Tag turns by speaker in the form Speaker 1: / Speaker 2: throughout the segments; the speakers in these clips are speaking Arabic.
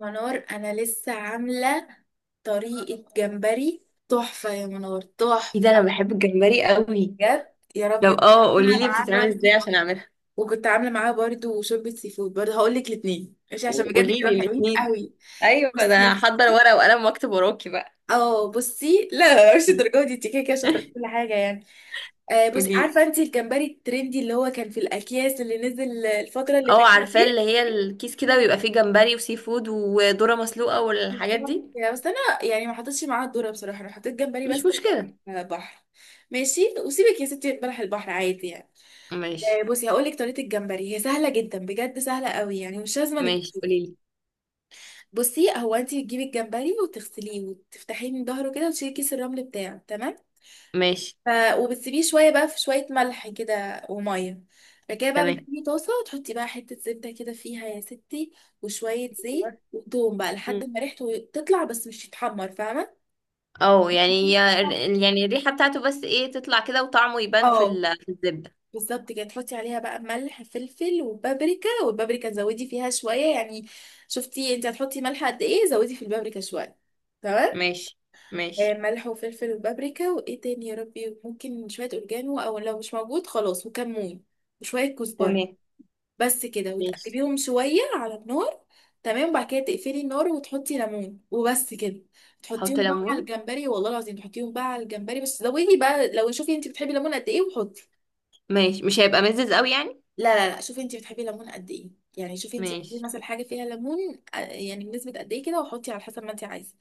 Speaker 1: منار انا لسه عامله طريقه جمبري تحفه يا منار
Speaker 2: ايه ده، انا
Speaker 1: تحفه.
Speaker 2: بحب الجمبري قوي.
Speaker 1: بجد يا
Speaker 2: لو
Speaker 1: ربي كنت عامله
Speaker 2: قولي لي
Speaker 1: معاه
Speaker 2: بتتعمل
Speaker 1: برضو.
Speaker 2: ازاي عشان اعملها.
Speaker 1: وكنت عامله معاه برضو شوربه سي فود برضو، هقول لك الاثنين ماشي عشان بجد
Speaker 2: قولي لي
Speaker 1: كانوا حلوين
Speaker 2: الاثنين.
Speaker 1: قوي.
Speaker 2: ايوه، ده
Speaker 1: بصي،
Speaker 2: هحضر ورقه وقلم واكتب وراكي بقى.
Speaker 1: اه بصي، لا مش الدرجه دي، انت كده كده شاطره في كل حاجه يعني. آه
Speaker 2: قولي
Speaker 1: بصي،
Speaker 2: لي.
Speaker 1: عارفه انت الجمبري الترندي اللي هو كان في الاكياس اللي نزل الفتره اللي
Speaker 2: اه،
Speaker 1: فاتت
Speaker 2: عارفاه اللي
Speaker 1: دي.
Speaker 2: هي الكيس كده بيبقى فيه جمبري وسي فود وذره مسلوقه والحاجات
Speaker 1: بالظبط.
Speaker 2: دي.
Speaker 1: يعني بس انا يعني ما حطيتش معاها الذره، بصراحه انا حطيت جمبري
Speaker 2: مش
Speaker 1: بس.
Speaker 2: مشكله.
Speaker 1: آه، بحر. ماشي وسيبك يا ستي، بلح البحر عادي يعني.
Speaker 2: ماشي.
Speaker 1: آه، بصي هقول لك طريقه الجمبري، هي سهله جدا بجد، سهله قوي يعني، مش لازم انك...
Speaker 2: ماشي قولي لي.
Speaker 1: بصي، هو انت بتجيبي الجمبري وتغسليه وتفتحيه من ظهره كده وتشيلي كيس الرمل بتاعه، تمام.
Speaker 2: ماشي
Speaker 1: ف... وبتسيبيه شويه بقى في شويه ملح كده وميه. بعد كده بقى
Speaker 2: تمام.
Speaker 1: بتجيبي طاسه وتحطي بقى حته زبده كده فيها يا ستي، وشويه زيت وتوم بقى
Speaker 2: مم.
Speaker 1: لحد ما ريحته تطلع بس مش يتحمر، فاهمه؟
Speaker 2: اه، يعني الريحه بتاعته بس ايه تطلع كده، وطعمه يبان
Speaker 1: اه،
Speaker 2: في الزبده.
Speaker 1: بالظبط كده. تحطي عليها بقى ملح فلفل وبابريكا، والبابريكا تزودي فيها شويه يعني. شفتي انت هتحطي ملح قد ايه، زودي في البابريكا شويه. تمام.
Speaker 2: ماشي.
Speaker 1: آه،
Speaker 2: ماشي
Speaker 1: ملح وفلفل وبابريكا، وايه تاني يا ربي، ممكن شويه اوريجانو، او لو مش موجود خلاص، وكمون وشويه كزبره.
Speaker 2: تمام.
Speaker 1: بس كده.
Speaker 2: ماشي.
Speaker 1: وتقلبيهم شويه على النار، تمام. وبعد كده تقفلي النار وتحطي ليمون وبس كده.
Speaker 2: حط
Speaker 1: تحطيهم بقى على
Speaker 2: ليمون.
Speaker 1: الجمبري، والله العظيم. تحطيهم بقى على الجمبري، بس زودي بقى، لو شوفي انت بتحبي الليمون قد ايه وحطي.
Speaker 2: ماشي، مش هيبقى مزز قوي يعني.
Speaker 1: لا لا لا، شوفي انت بتحبي الليمون قد ايه، يعني شوفي انت بتحبي
Speaker 2: ماشي،
Speaker 1: مثلا حاجه فيها ليمون، آه، يعني بنسبه قد ايه كده، وحطي على حسب ما انت عايزه.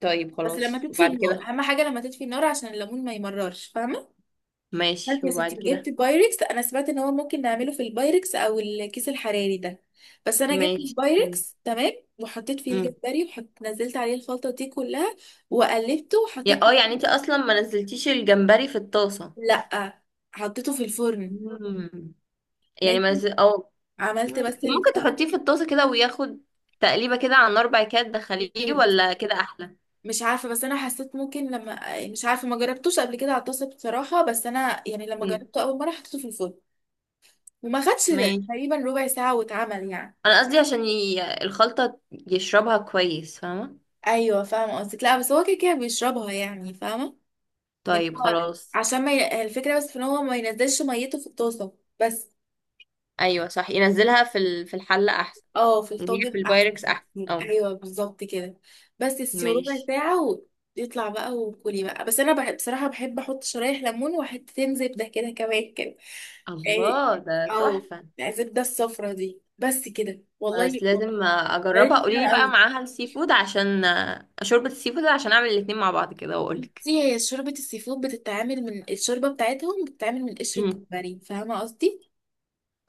Speaker 2: طيب
Speaker 1: بس لما
Speaker 2: خلاص.
Speaker 1: تطفي
Speaker 2: وبعد
Speaker 1: النار،
Speaker 2: كده؟
Speaker 1: اهم حاجه لما تطفي النار عشان الليمون ما يمررش، فاهمه؟ فانت
Speaker 2: ماشي،
Speaker 1: يا ستي
Speaker 2: وبعد
Speaker 1: جبت
Speaker 2: كده؟
Speaker 1: بايركس، انا سمعت ان هو ممكن نعمله في البايركس او الكيس الحراري ده، بس انا جبت
Speaker 2: ماشي تمام.
Speaker 1: البايركس، تمام. وحطيت فيه
Speaker 2: امم.
Speaker 1: الجمبري، وحط نزلت عليه الخلطه دي كلها وقلبته
Speaker 2: يا
Speaker 1: وحطيت.
Speaker 2: اه يعني انت اصلا ما نزلتيش الجمبري في الطاسه؟
Speaker 1: لا، حطيته في الفرن.
Speaker 2: امم. يعني ما
Speaker 1: ماشي.
Speaker 2: نزل، اه.
Speaker 1: عملت
Speaker 2: مم. طب
Speaker 1: بس.
Speaker 2: ممكن تحطيه في الطاسه كده وياخد تقليبه كده على النار، بعد كده تدخليه،
Speaker 1: ال-
Speaker 2: ولا كده احلى؟
Speaker 1: مش عارفة، بس أنا حسيت ممكن لما مش عارفة، ما جربتوش قبل كده على الطاسة بصراحة، بس أنا يعني لما
Speaker 2: امم.
Speaker 1: جربته أول مرة حطيته في الفرن، وما خدش
Speaker 2: ماشي.
Speaker 1: تقريبا ربع ساعة واتعمل يعني.
Speaker 2: انا قصدي عشان الخلطه يشربها كويس، فاهمه؟
Speaker 1: أيوة فاهمة قصدك، لا بس هو كده كده بيشربها يعني، فاهمة؟ يعني
Speaker 2: طيب
Speaker 1: هو،
Speaker 2: خلاص.
Speaker 1: عشان ما الفكرة بس في إن هو ما ينزلش ميته في الطاسة بس.
Speaker 2: ايوه صح، ينزلها في الحله احسن.
Speaker 1: اه، في
Speaker 2: هي في
Speaker 1: الطاجن احسن.
Speaker 2: البايركس احسن، اه.
Speaker 1: ايوه بالظبط كده. بس تسيبي ربع
Speaker 2: ماشي.
Speaker 1: ساعه ويطلع بقى وكلي بقى، بس انا بحب بصراحه، بحب احط شرايح ليمون وحتتين زبده كده كمان كده، يعني.
Speaker 2: الله ده
Speaker 1: او
Speaker 2: تحفة.
Speaker 1: الزبده الصفرا دي، بس كده والله،
Speaker 2: خلاص لازم اجربها،
Speaker 1: طريقتي
Speaker 2: قولي
Speaker 1: سهله
Speaker 2: لي بقى
Speaker 1: قوي.
Speaker 2: معاها السي فود عشان شوربة السي فود، عشان اعمل الاتنين مع بعض كده واقولك.
Speaker 1: بصي، هي شوربه السي فود بتتعمل من الشوربه بتاعتهم، بتتعمل من قشر
Speaker 2: امم.
Speaker 1: الجمبري، فاهمه قصدي؟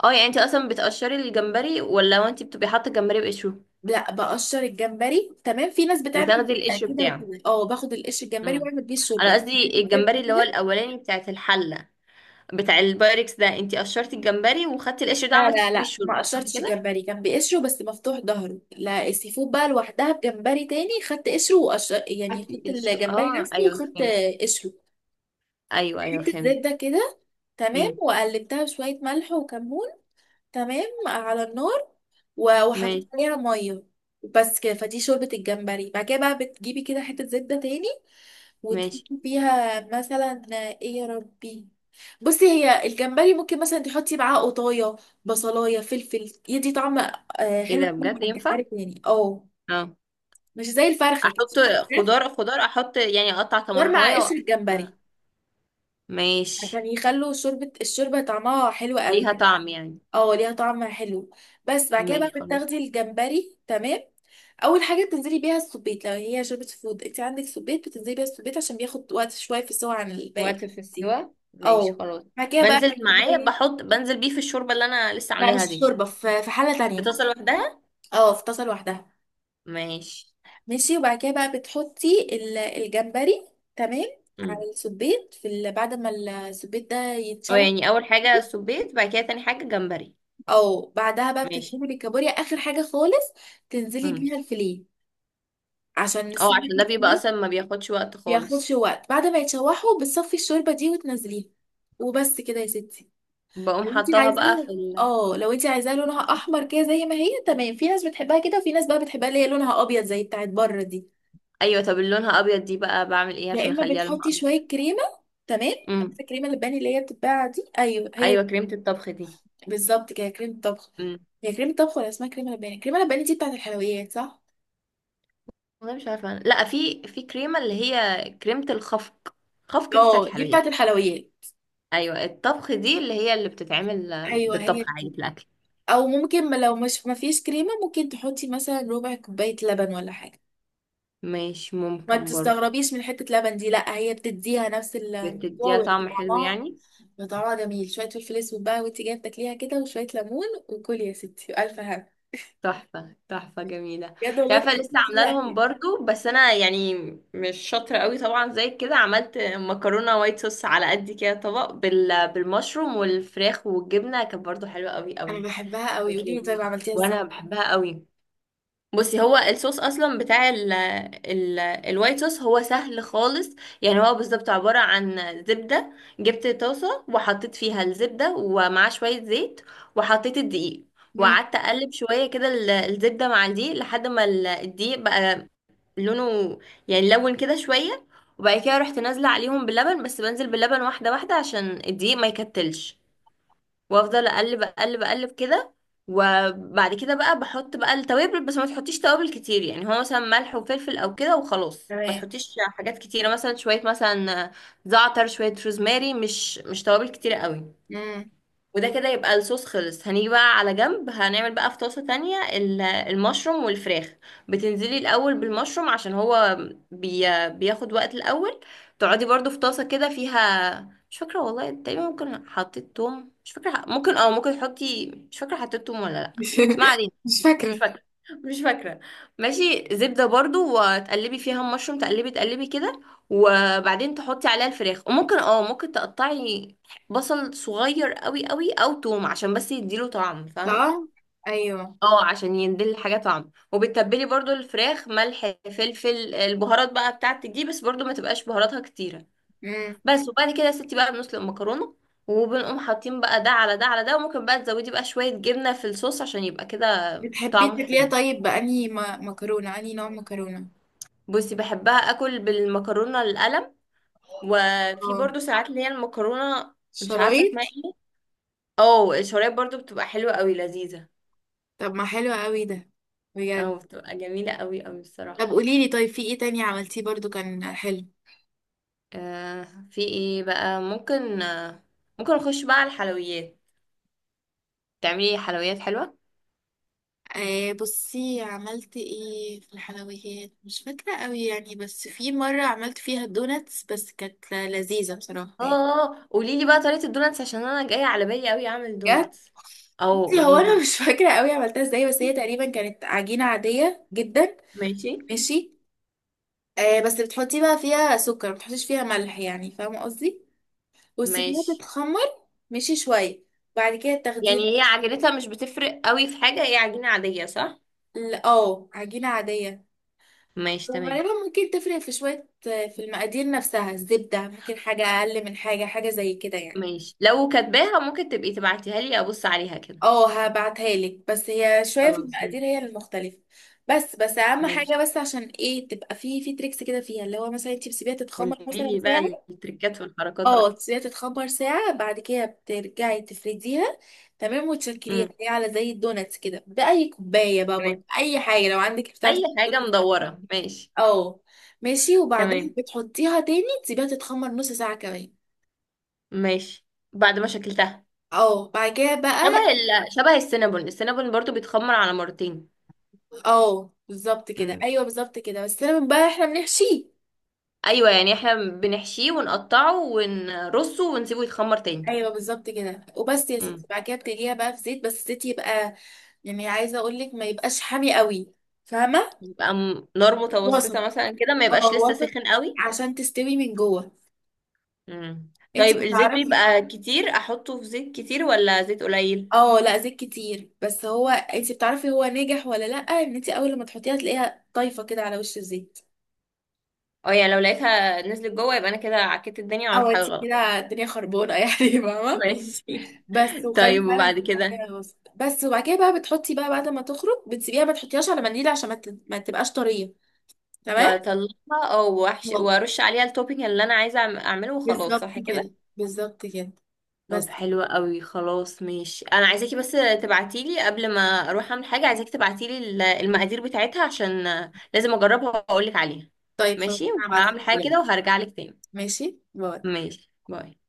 Speaker 2: اه يعني، انت اصلا بتقشري الجمبري، ولا هو انت بتبقي حاطة الجمبري بقشره
Speaker 1: لا، بقشر الجمبري، تمام. في ناس بتعمل
Speaker 2: وتاخدي القشر
Speaker 1: كده
Speaker 2: بتاعه؟
Speaker 1: وكده. اه، باخد القشر الجمبري
Speaker 2: امم.
Speaker 1: واعمل بيه
Speaker 2: انا
Speaker 1: الشوربه.
Speaker 2: قصدي الجمبري اللي هو الاولاني، بتاعت الحلة، بتاع البايركس ده، انت قشرتي الجمبري وخدتي القشر ده
Speaker 1: لا
Speaker 2: عملتي
Speaker 1: لا
Speaker 2: فيه
Speaker 1: لا، ما
Speaker 2: الشوربة، صح
Speaker 1: قشرتش
Speaker 2: كده؟
Speaker 1: الجمبري، كان بقشره بس مفتوح ظهره. لا، السي فود بقى لوحدها بجمبري تاني، خدت قشره وقشر، يعني
Speaker 2: خدتي
Speaker 1: خدت
Speaker 2: القشر،
Speaker 1: الجمبري
Speaker 2: اه
Speaker 1: نفسه
Speaker 2: ايوه
Speaker 1: وخدت
Speaker 2: فهمت.
Speaker 1: قشره.
Speaker 2: ايوه ايوه
Speaker 1: حتة
Speaker 2: فهمت.
Speaker 1: زبدة كده، تمام،
Speaker 2: امم.
Speaker 1: وقلبتها بشوية ملح وكمون، تمام، على النار. وحطيت
Speaker 2: ماشي.
Speaker 1: عليها مية، بس كده. فدي شوربة الجمبري. بعد كده بقى بتجيبي كده حتة زبدة تاني
Speaker 2: ماشي.
Speaker 1: وتحطيها مثلا، ايه يا ربي. بصي، هي الجمبري ممكن مثلا تحطي معاه قطايه بصلايه فلفل يدي طعم، آه،
Speaker 2: ايه
Speaker 1: حلو
Speaker 2: ده
Speaker 1: قوي
Speaker 2: بجد
Speaker 1: مع
Speaker 2: ينفع؟
Speaker 1: الجمبري يعني، اه.
Speaker 2: اه.
Speaker 1: مش زي الفرخه كده،
Speaker 2: احط
Speaker 1: الفراخ،
Speaker 2: خضار خضار، احط يعني اقطع
Speaker 1: غير مع
Speaker 2: طماطمية
Speaker 1: قشر الجمبري
Speaker 2: ماشي.
Speaker 1: عشان يخلوا شوربه، الشوربه طعمها حلو قوي.
Speaker 2: ليها طعم يعني.
Speaker 1: اه ليها طعم حلو. بس بعد كده
Speaker 2: ماشي
Speaker 1: بقى
Speaker 2: خلاص.
Speaker 1: بتاخدي الجمبري، تمام. اول حاجه بتنزلي بيها السبيت، لو هي شوربه فود انت عندك سبيت، بتنزلي بيها السبيت عشان بياخد وقت شويه في السوا عن الباقي
Speaker 2: وقت في
Speaker 1: دي.
Speaker 2: السوا، ماشي
Speaker 1: اه.
Speaker 2: خلاص.
Speaker 1: بعد كده بقى
Speaker 2: بنزل معاه بحط بنزل بيه في الشوربة اللي انا لسه
Speaker 1: لا،
Speaker 2: عاملاها
Speaker 1: مش
Speaker 2: دي؟
Speaker 1: شوربه، في في حله
Speaker 2: في
Speaker 1: تانية،
Speaker 2: طاسة لوحدها.
Speaker 1: اه، في طاسه لوحدها.
Speaker 2: ماشي.
Speaker 1: ماشي، وبعد كده بقى بتحطي الجمبري، تمام،
Speaker 2: امم.
Speaker 1: على السبيت في ال... بعد ما السبيت ده
Speaker 2: اه
Speaker 1: يتشوح.
Speaker 2: يعني، اول حاجة سبيت، بعد كده تاني حاجة جمبري.
Speaker 1: او بعدها بقى
Speaker 2: ماشي.
Speaker 1: بتنزلي بالكابوريا، اخر حاجه خالص، تنزلي
Speaker 2: امم.
Speaker 1: بيها الفيليه عشان
Speaker 2: اه،
Speaker 1: نسيب
Speaker 2: عشان ده بيبقى
Speaker 1: الحمام.
Speaker 2: اصلا ما بياخدش وقت
Speaker 1: بياخدش
Speaker 2: خالص.
Speaker 1: وقت. بعد ما يتشوحوا بتصفي الشوربة دي وتنزليها، وبس كده يا ستي.
Speaker 2: بقوم
Speaker 1: لو انت
Speaker 2: حطاها بقى
Speaker 1: عايزاها، اه لو انت عايزاها لونها احمر كده زي ما هي، تمام. في ناس بتحبها كده، وفي ناس بقى بتحبها اللي هي لونها ابيض زي بتاعت بره دي.
Speaker 2: ايوه، طب اللي لونها ابيض دي بقى بعمل ايه
Speaker 1: يا
Speaker 2: عشان
Speaker 1: اما
Speaker 2: اخليها لونها
Speaker 1: بتحطي
Speaker 2: ابيض؟
Speaker 1: شوية كريمة، تمام.
Speaker 2: امم.
Speaker 1: عارفة الكريمة اللباني اللي هي بتتباع دي؟ ايوه هي،
Speaker 2: ايوه، كريمة الطبخ دي.
Speaker 1: بالظبط كده، كريمة طبخ. هي كريمة طبخ ولا اسمها كريمة لباني؟ الكريمة اللباني دي بتاعت الحلويات صح؟
Speaker 2: والله مش عارفه أنا. لا، في كريمه اللي هي كريمه الخفق. خفق دي بتاعت
Speaker 1: اه دي
Speaker 2: الحلويات؟
Speaker 1: بتاعت الحلويات.
Speaker 2: ايوه، الطبخ دي اللي هي اللي بتتعمل
Speaker 1: ايوه هي
Speaker 2: بالطبخ عادي
Speaker 1: دي.
Speaker 2: في الاكل.
Speaker 1: او ممكن لو مش ما فيش كريمه، ممكن تحطي مثلا ربع كوبايه لبن ولا حاجه.
Speaker 2: مش
Speaker 1: ما
Speaker 2: ممكن برضه؟
Speaker 1: تستغربيش من حته لبن دي، لا هي بتديها نفس الموضوع
Speaker 2: بتديها طعم حلو
Speaker 1: وطعمها،
Speaker 2: يعني.
Speaker 1: طعمها جميل. شويه فلفل اسود بقى وانت جايه بتاكليها كده، وشويه ليمون، وكلي يا ستي الف هنا.
Speaker 2: تحفه تحفه، جميله.
Speaker 1: بجد
Speaker 2: انت
Speaker 1: والله
Speaker 2: عارفه
Speaker 1: تجربة
Speaker 2: لسه عامله
Speaker 1: جميلة
Speaker 2: لهم
Speaker 1: أوي.
Speaker 2: برضه، بس انا يعني مش شاطره قوي طبعا. زي كده عملت مكرونه وايت صوص، على قد كده طبق بالمشروم والفراخ والجبنه، كانت برضه حلوه قوي
Speaker 1: انا
Speaker 2: قوي.
Speaker 1: بحبها قوي،
Speaker 2: كانت
Speaker 1: قولي لي
Speaker 2: لذيذة.
Speaker 1: طيب عملتيها ازاي.
Speaker 2: وانا بحبها قوي. بصي، هو الصوص اصلا بتاع ال الوايت صوص هو سهل خالص. يعني هو بالظبط عبارة عن زبدة. جبت طاسة وحطيت فيها الزبدة ومعاه شوية زيت، وحطيت الدقيق،
Speaker 1: امم.
Speaker 2: وقعدت اقلب شوية كده الزبدة مع الدقيق لحد ما الدقيق بقى لونه، يعني لون كده شوية. وبعد كده رحت نازلة عليهم باللبن، بس بنزل باللبن واحدة واحدة عشان الدقيق ما يكتلش، وافضل اقلب اقلب اقلب كده. وبعد كده بقى بحط بقى التوابل، بس ما تحطيش توابل كتير، يعني هو مثلا ملح وفلفل او كده وخلاص. ما
Speaker 1: تمام.
Speaker 2: تحطيش حاجات كتيره، مثلا شويه مثلا زعتر، شويه روزماري، مش توابل كتيره قوي.
Speaker 1: امم.
Speaker 2: وده كده يبقى الصوص خلص. هنيجي بقى على جنب، هنعمل بقى في طاسة تانية المشروم والفراخ. بتنزلي الأول بالمشروم عشان هو بياخد وقت الأول. تقعدي برضو في طاسة كده فيها، مش فاكرة والله، تقريبا ممكن حطيت توم، مش فاكرة. ممكن، ممكن تحطي، مش فاكرة حطيت توم ولا لأ. بس ما علينا.
Speaker 1: مش
Speaker 2: مش
Speaker 1: فاكره.
Speaker 2: فاكرة. مش فاكرة. ماشي، زبدة برضو، وتقلبي فيها المشروم، تقلبي تقلبي كده. وبعدين تحطي عليها الفراخ، وممكن اه ممكن تقطعي بصل صغير قوي قوي او توم عشان بس يديله طعم، فاهمة؟
Speaker 1: طبعا. ايوه.
Speaker 2: اه عشان يديل الحاجة طعم. وبتتبلي برضو الفراخ ملح فلفل البهارات بقى بتاعتك دي، بس برضو ما تبقاش بهاراتها كتيرة.
Speaker 1: امم.
Speaker 2: بس. وبعد كده يا ستي بقى بنسلق المكرونة، وبنقوم حاطين بقى ده على ده على ده. وممكن بقى تزودي بقى شوية جبنة في الصوص عشان يبقى كده
Speaker 1: بتحبي
Speaker 2: طعمه
Speaker 1: تاكليها
Speaker 2: حلو.
Speaker 1: طيب بأنهي مكرونه، انهي نوع مكرونه؟
Speaker 2: بصي، بحبها اكل بالمكرونه القلم، وفي
Speaker 1: اه،
Speaker 2: برضو ساعات اللي هي المكرونه، مش عارفه
Speaker 1: شرايط.
Speaker 2: اسمها ايه، اه الشرايح، برضو بتبقى حلوه قوي لذيذه.
Speaker 1: طب ما حلو قوي ده،
Speaker 2: او
Speaker 1: بجد.
Speaker 2: بتبقى جميله قوي قوي الصراحه.
Speaker 1: طب قوليلي، طيب في ايه تاني عملتيه برضو كان حلو؟
Speaker 2: آه، في ايه بقى ممكن، ممكن نخش بقى على الحلويات، تعملي حلويات حلوه.
Speaker 1: آه بصي، عملت ايه في الحلويات، مش فاكرة قوي يعني، بس في مرة عملت فيها الدوناتس بس كانت لذيذة بصراحة
Speaker 2: اه.
Speaker 1: يعني.
Speaker 2: اه، قولي لي بقى طريقه الدوناتس، عشان انا جايه على بالي قوي اعمل
Speaker 1: بجد.
Speaker 2: دوناتس. اه
Speaker 1: بصي، هو
Speaker 2: قولي
Speaker 1: انا
Speaker 2: لي.
Speaker 1: مش فاكرة قوي عملتها ازاي، بس هي تقريبا كانت عجينة عادية جدا.
Speaker 2: ماشي.
Speaker 1: ماشي. آه بس بتحطي بقى فيها سكر، ما بتحطيش فيها ملح، يعني فاهمة قصدي، وتسيبيها
Speaker 2: ماشي.
Speaker 1: تتخمر. ماشي شوية. بعد كده تاخديها.
Speaker 2: يعني هي عجينتها مش بتفرق قوي في حاجه، هي عجينه عاديه صح؟
Speaker 1: اه، عجينة عادية.
Speaker 2: ماشي تمام.
Speaker 1: وغالبا ممكن تفرق في شوية في المقادير نفسها، الزبدة ممكن حاجة أقل من حاجة، حاجة زي كده يعني.
Speaker 2: ماشي، لو كاتباها ممكن تبقي تبعتيها لي ابص عليها كده.
Speaker 1: اه هبعتها لك، بس هي شوية في
Speaker 2: خلاص
Speaker 1: المقادير هي المختلفة. بس، بس أهم
Speaker 2: ماشي،
Speaker 1: حاجة، بس عشان ايه تبقى في في تريكس كده فيها، اللي هو مثلا انت بتسيبيها
Speaker 2: قولي
Speaker 1: تتخمر مثلا
Speaker 2: لي بقى
Speaker 1: ساعة.
Speaker 2: التريكات والحركات
Speaker 1: اه،
Speaker 2: بقى.
Speaker 1: تسيبيها تتخمر ساعة، بعد كده بترجعي تفرديها، تمام، وتشكليها
Speaker 2: امم.
Speaker 1: هي على زي الدوناتس كده بأي كوباية بقى برضه،
Speaker 2: تمام.
Speaker 1: أي حاجة لو عندك بتاعة
Speaker 2: اي حاجه
Speaker 1: الدوناتس.
Speaker 2: مدوره، ماشي.
Speaker 1: اه. ماشي، وبعدين
Speaker 2: تمام.
Speaker 1: بتحطيها تاني تسيبيها تتخمر نص ساعة كمان.
Speaker 2: ماشي. بعد ما شكلتها،
Speaker 1: اه بعد كده
Speaker 2: شبه
Speaker 1: بقى،
Speaker 2: شبه السينابون. السينابون برضو بيتخمر على مرتين.
Speaker 1: اه بالظبط كده،
Speaker 2: امم.
Speaker 1: ايوه بالظبط كده، بس انا بقى احنا بنحشيه.
Speaker 2: ايوه، يعني احنا بنحشيه ونقطعه ونرصه ونسيبه يتخمر تاني.
Speaker 1: ايوه بالظبط كده، وبس يا
Speaker 2: امم.
Speaker 1: ستي. بعد كده بتقليها بقى في زيت، بس الزيت يبقى، يعني عايزه اقول لك ما يبقاش حامي قوي، فاهمه؟
Speaker 2: يبقى نار متوسطه
Speaker 1: وسط،
Speaker 2: مثلا كده، ما
Speaker 1: اه،
Speaker 2: يبقاش لسه
Speaker 1: وسط،
Speaker 2: سخن قوي.
Speaker 1: عشان تستوي من جوه.
Speaker 2: مم.
Speaker 1: انت
Speaker 2: طيب الزيت
Speaker 1: بتعرفي؟
Speaker 2: بيبقى كتير، احطه في زيت كتير ولا زيت قليل؟
Speaker 1: اه لا، زيت كتير، بس هو انت بتعرفي هو ناجح ولا لا، ان انت اول لما تحطيها تلاقيها طايفه كده على وش الزيت.
Speaker 2: اه يعني لو لقيتها نزلت جوه يبقى انا كده عكيت الدنيا وعملت
Speaker 1: او
Speaker 2: حاجه
Speaker 1: انت
Speaker 2: غلط؟
Speaker 1: كده الدنيا خربانه يعني، فاهمه؟
Speaker 2: ماشي.
Speaker 1: بس، وخلي
Speaker 2: طيب
Speaker 1: فعلا
Speaker 2: وبعد
Speaker 1: بعد
Speaker 2: كده
Speaker 1: كده الوسط بس. وبعد كده بقى بتحطي بقى، بعد ما تخرج بتسيبيها ما تحطيهاش على منديل عشان ما تبقاش طريه. تمام.
Speaker 2: بطلعها، او وحش،
Speaker 1: واو.
Speaker 2: وارش عليها التوبينج اللي انا عايزه اعمله، وخلاص
Speaker 1: بالظبط
Speaker 2: صح كده؟
Speaker 1: كده. بالظبط كده. بس
Speaker 2: طب حلوة
Speaker 1: كده.
Speaker 2: قوي. خلاص ماشي، انا عايزاكي بس تبعتيلي قبل ما اروح اعمل حاجه. عايزاكي تبعتيلي المقادير بتاعتها، عشان لازم اجربها واقولك عليها.
Speaker 1: طيب خلاص
Speaker 2: ماشي،
Speaker 1: انا هبعتلك
Speaker 2: وهعمل حاجه كده
Speaker 1: دلوقتي.
Speaker 2: وهرجعلك تاني.
Speaker 1: ماشي، باي.
Speaker 2: ماشي باي.